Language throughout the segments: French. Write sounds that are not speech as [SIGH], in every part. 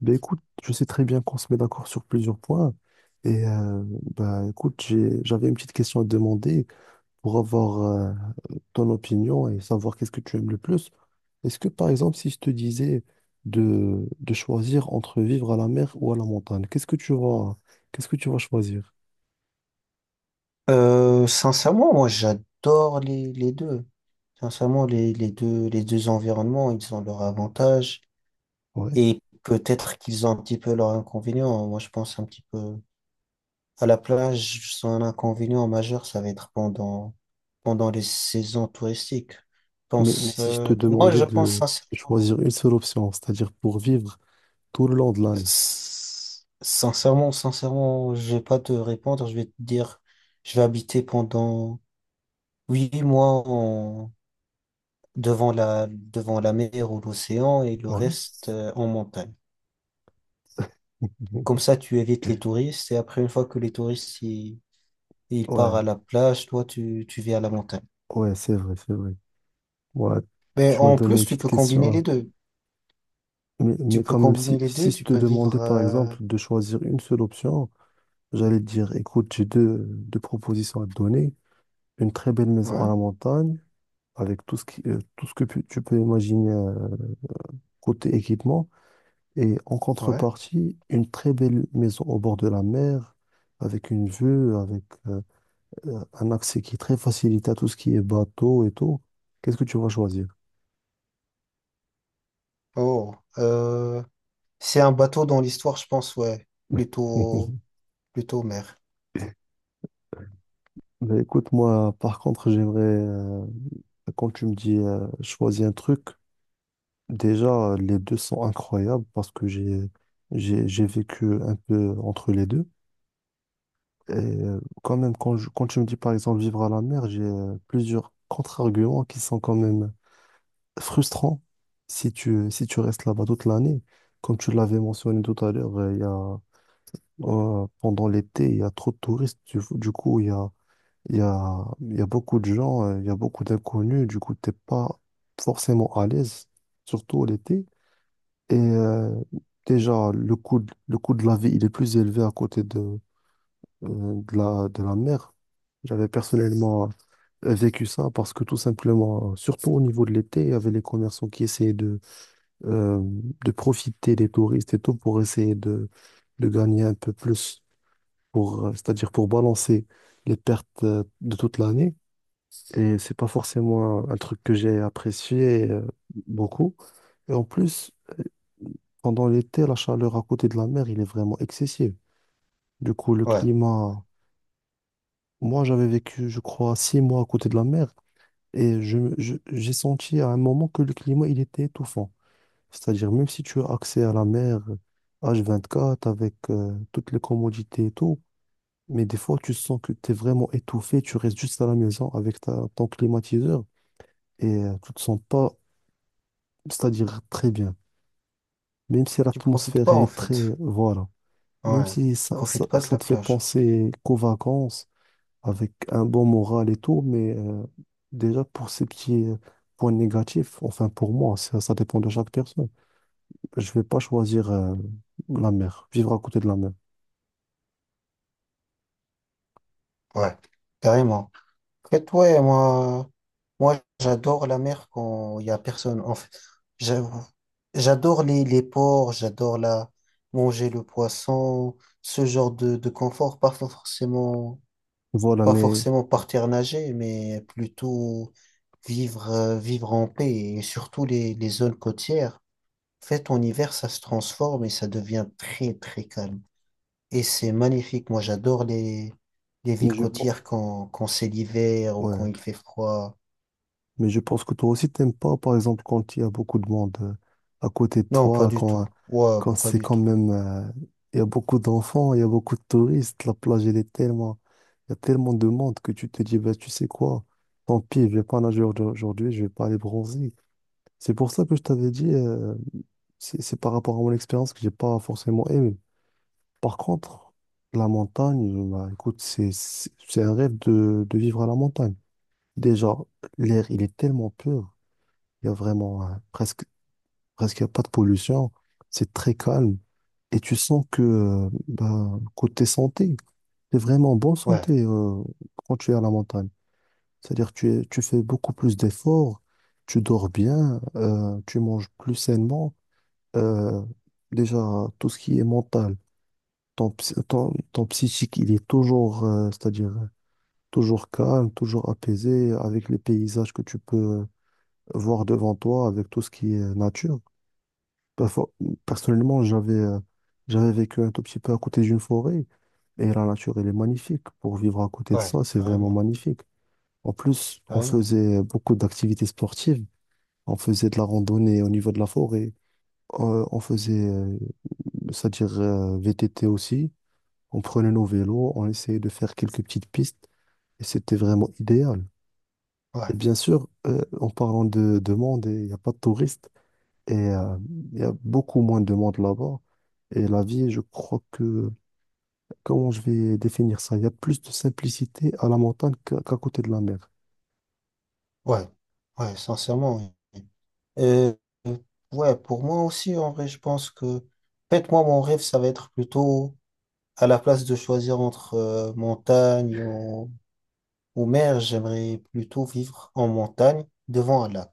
Ben écoute, je sais très bien qu'on se met d'accord sur plusieurs points. Et euh, écoute, j'avais une petite question à te demander pour avoir ton opinion et savoir qu'est-ce que tu aimes le plus. Est-ce que, par exemple, si je te disais de choisir entre vivre à la mer ou à la montagne, qu'est-ce que tu vas choisir? Sincèrement, moi j'adore les deux. Sincèrement, les deux, les deux environnements, ils ont leurs avantages Ouais. et peut-être qu'ils ont un petit peu leurs inconvénients. Moi je pense un petit peu à la plage, son inconvénient majeur, ça va être pendant les saisons touristiques. Je Mais si je te moi demandais je pense de sincèrement, choisir une seule option, c'est-à-dire pour vivre tout le long de l'année. s- sincèrement, sincèrement, je vais pas te répondre, je vais te dire, je vais habiter pendant 8 mois en devant la mer ou l'océan et le Ouais. reste en montagne. Comme [LAUGHS] ça, tu évites les touristes et après, une fois que ils partent à Ouais, la plage, toi, tu vis à la montagne. ouais, c'est vrai, c'est vrai. Ouais, Mais tu m'as en donné une plus, tu petite peux question, combiner les hein. deux. Mais Tu peux quand même, combiner les si deux, je tu te peux vivre... demandais par euh, exemple de choisir une seule option, j'allais te dire, écoute, j'ai deux propositions à te donner. Une très belle maison à Ouais, la montagne, avec tout ce qui, tout ce que tu peux imaginer côté équipement. Et en ouais. contrepartie, une très belle maison au bord de la mer, avec une vue, avec un accès qui est très facilité à tout ce qui est bateau et tout. Qu'est-ce que tu vas choisir? Oh, euh, c'est un bateau dans l'histoire, je pense, ouais. Plutôt, [LAUGHS] Plutôt mer. Mais écoute, moi, par contre, j'aimerais, quand tu me dis choisis un truc, déjà, les deux sont incroyables parce que j'ai vécu un peu entre les deux. Et quand même, quand tu me dis, par exemple, vivre à la mer, j'ai plusieurs contre-arguments qui sont quand même frustrants si tu restes là-bas toute l'année. Comme tu l'avais mentionné tout à l'heure, pendant l'été, il y a trop de touristes. Du coup, il y a beaucoup de gens, il y a beaucoup d'inconnus, du coup, t'es pas forcément à l'aise, surtout l'été. Et euh, Déjà, le coût de la vie, il est plus élevé à côté de la mer. J'avais personnellement vécu ça parce que tout simplement, surtout au niveau de l'été, il y avait les commerçants qui essayaient euh, de profiter des touristes et tout pour essayer de gagner un peu plus, c'est-à-dire pour balancer les pertes de toute l'année. Et c'est pas forcément un truc que j'ai apprécié beaucoup. Et en plus, euh, pendant l'été, la chaleur à côté de la mer, il est vraiment excessive. Du coup, le Ouais, ouais. climat, moi j'avais vécu, je crois, 6 mois à côté de la mer et j'ai senti à un moment que le climat, il était étouffant. C'est-à-dire, même si tu as accès à la mer H24 avec toutes les commodités et tout, mais des fois, tu sens que tu es vraiment étouffé, tu restes juste à la maison avec ton climatiseur et tu te sens pas c'est-à-dire très bien. Même si Tu profites l'atmosphère, pas, elle en est très... fait. Voilà. Même Ouais. si Tu profites pas de ça la te fait plage. penser qu'aux vacances, avec un bon moral et tout, mais déjà pour ces petits points négatifs, enfin pour moi, ça dépend de chaque personne. Je vais pas choisir la mer, vivre à côté de la mer. Ouais, carrément. Et toi, moi, Moi j'adore la mer quand il y a personne. En fait, j'a- j'adore les ports, manger le poisson, ce genre de confort. Voilà, Pas forcément partir nager, mais plutôt vivre en paix et surtout les zones côtières. En fait, en hiver, ça se transforme et ça devient très calme. Et c'est magnifique. Moi, j'adore les mais villes je pense... côtières quand c'est l'hiver ou quand Ouais, il fait froid. mais je pense que toi aussi, t'aimes pas, par exemple, quand il y a beaucoup de monde à côté de Non, pas toi, du tout. Ouais, quand pas c'est du quand tout. même, il y a beaucoup d'enfants, il y a beaucoup de touristes, la plage, il y a tellement de monde que tu te dis, bah, tu sais quoi, tant pis, je vais pas nager aujourd'hui, je vais pas aller bronzer. C'est pour ça que je t'avais dit, c'est par rapport à mon expérience que j'ai pas forcément aimé. Par contre, la montagne, bah, écoute, c'est un rêve de vivre à la montagne. Déjà, l'air, il est tellement pur. Il y a vraiment presque il y a pas de pollution. C'est très calme. Et tu sens que, bah, côté santé, t'es vraiment en bonne Ouais, santé quand tu es à la montagne. C'est-à-dire tu fais beaucoup plus d'efforts, tu dors bien, tu manges plus sainement. Euh, Déjà, tout ce qui est mental, ton psychique, il est toujours, c'est-à-dire toujours calme, toujours apaisé, avec les paysages que tu peux euh, voir devant toi, avec tout ce qui est nature. Perfo- Personnellement, j'avais vécu un tout petit peu à côté d'une forêt et la nature, elle est magnifique. Pour vivre à côté de ouais, ça, c'est vraiment carrément. magnifique. En plus, on Carrément. faisait beaucoup d'activités sportives. On faisait de la randonnée au niveau de la forêt. On faisait, c'est-à-dire VTT aussi. On prenait nos vélos, on essayait de faire quelques petites pistes et c'était vraiment idéal. Et Ouais, bien sûr, en parlant de monde, il n'y a pas de touristes. Et euh, il y a beaucoup moins de monde là-bas. Et la vie, je crois que, comment je vais définir ça? Il y a plus de simplicité à la montagne qu'à côté de la mer. ouais, ouais, sincèrement, oui. Et, euh, ouais, pour moi aussi, en vrai, je pense que... En fait, moi, mon rêve, ça va être plutôt à la place de choisir entre montagne ou mer. J'aimerais plutôt vivre en montagne devant un lac.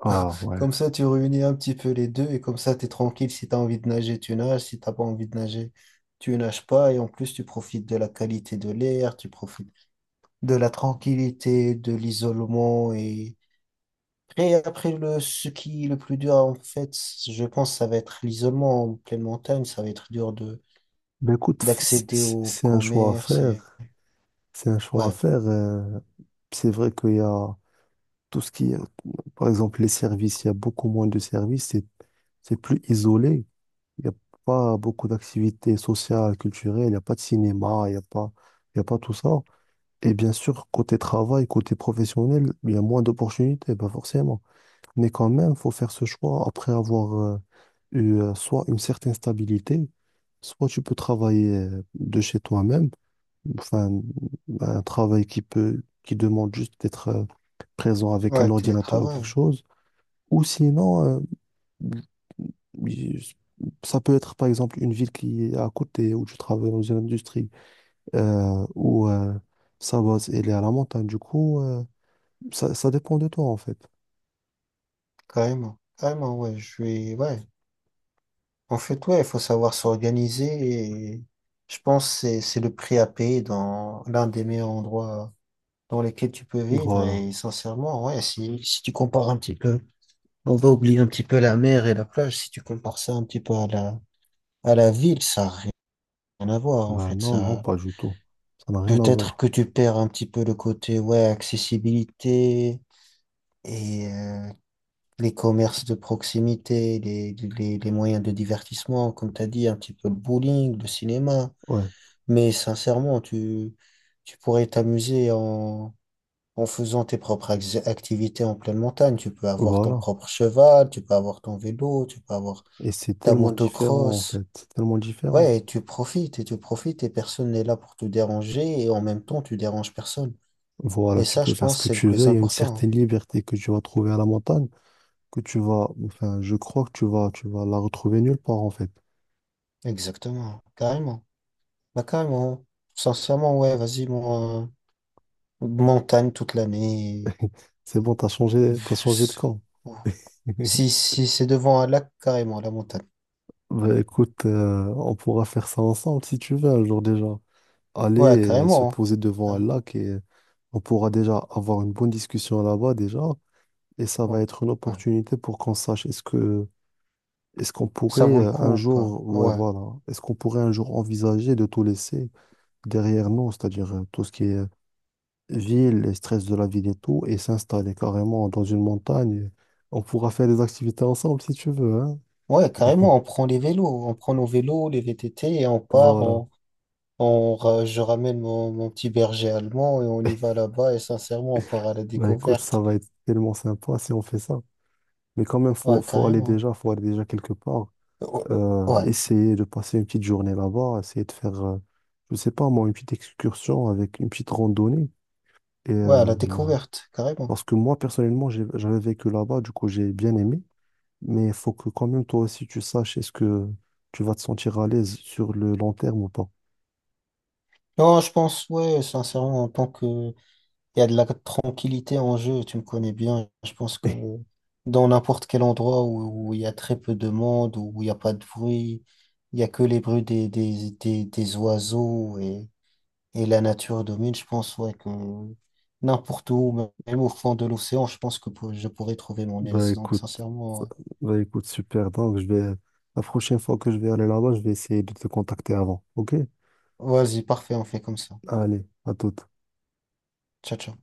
Ah ouais. Comme ça, tu réunis un petit peu les deux et comme ça, t'es tranquille. Si t'as envie de nager, tu nages. Si t'as pas envie de nager, tu nages pas. Et en plus, tu profites de la qualité de l'air, tu profites de la tranquillité, de l'isolement. Et après le, ce qui est le plus dur, en fait, je pense que ça va être l'isolement en pleine montagne. Ça va être dur de Ben écoute, d'accéder au c'est un choix à commerce. Et... faire. C'est un choix à Ouais, faire. C'est vrai qu'il y a tout ce qui est, par exemple, les services, il y a beaucoup moins de services, c'est plus isolé. Il n'y a pas beaucoup d'activités sociales, culturelles, il n'y a pas de cinéma, il y a pas tout ça. Et bien sûr, côté travail, côté professionnel, il y a moins d'opportunités, pas forcément. Mais quand même, il faut faire ce choix après avoir eu soit une certaine stabilité, soit tu peux travailler de chez toi-même, enfin, un travail qui demande juste d'être présent avec un ouais, ordinateur ou quelque télétravail, chose, ou sinon, il- ça peut être par exemple une ville qui est à côté où tu travailles dans une industrie ou sa base elle est à la montagne. Du coup, ça dépend de toi en fait. carrément. Carrément, ouais, je vais... Ouais. En fait, ouais, il faut savoir s'organiser et je pense que c'est le prix à payer dans l'un des meilleurs endroits dans lesquels tu peux vivre. Voilà. Et sincèrement, ouais, si tu compares un petit peu... On va oublier un petit peu la mer et la plage. Si tu compares ça un petit peu à à la ville, ça n'a rien à voir en Ben fait. non, non, Ça, pas du tout. Ça n'a rien à peut-être voir. que tu perds un petit peu le côté ouais, accessibilité et les commerces de proximité, les moyens de divertissement, comme tu as dit, un petit peu le bowling, le cinéma. Ouais, Mais sincèrement, tu pourrais t'amuser en faisant tes propres activités en pleine montagne. Tu peux avoir ton voilà. propre cheval, tu peux avoir ton vélo, tu peux avoir Et c'est la tellement différent en motocross. fait. C'est tellement différent. Ouais, et tu profites, et personne n'est là pour te déranger, et en même temps, tu déranges personne. Voilà, Et tu ça, peux je faire ce pense, que c'est le tu plus veux. Il y a une important, hein. certaine liberté que tu vas trouver à la montagne, enfin, je crois que tu vas la retrouver nulle part en fait. Exactement, carrément. Bah, carrément. Sincèrement, ouais, vas-y, mon, montagne toute l'année. C'est bon, t'as changé de Pff, camp. [LAUGHS] si, si c'est devant un lac, carrément, la montagne. Bah écoute, on pourra faire ça ensemble si tu veux un jour déjà. Ouais, Aller se carrément, poser devant un hein. lac et on pourra déjà avoir une bonne discussion là-bas déjà. Et ça va Carré- être une ouais. opportunité pour qu'on sache est-ce qu'on Ça pourrait vaut le un coup ou pas? jour, ouais Ouais. voilà, est-ce qu'on pourrait un jour envisager de tout laisser derrière nous, c'est-à-dire tout ce qui est ville, les stress de la ville et tout, et s'installer carrément dans une montagne. On pourra faire des activités ensemble si tu veux, hein. Ouais, [LAUGHS] carrément, on prend nos vélos, les VTT, et on part, Voilà. On, je ramène mon petit berger allemand et on y va là-bas et sincèrement, on part à la Bah écoute, ça découverte. va être tellement sympa si on fait ça. Mais quand même, Ouais, carrément. Faut aller déjà quelque part. Ouais, ouais, Essayer de passer une petite journée là-bas, essayer de faire, je sais pas moi, une petite excursion avec une petite randonnée. Et, ouais, à la découverte, carrément. parce que moi, personnellement, j'avais vécu là-bas, du coup, j'ai bien aimé. Mais il faut que quand même, toi aussi, tu saches est-ce que tu vas te sentir à l'aise sur le long terme ou pas. Non, je pense, ouais, sincèrement, en tant que... Il y a de la tranquillité en jeu, tu me connais bien. Je pense que [LAUGHS] dans n'importe quel endroit où il y a très peu de monde, où il n'y a pas de bruit, il n'y a que les bruits des oiseaux et... Et la nature domine, je pense, ouais, que n'importe où, même au fond de l'océan, je pense que je pourrais trouver mon Bah aise. Donc, écoute. sincèrement, ouais. Bah, écoute, super. Donc, la prochaine fois que je vais aller là-bas, je vais essayer de te contacter avant. OK? Vas-y, parfait, on fait comme ça. Allez, à toute. Ciao, ciao.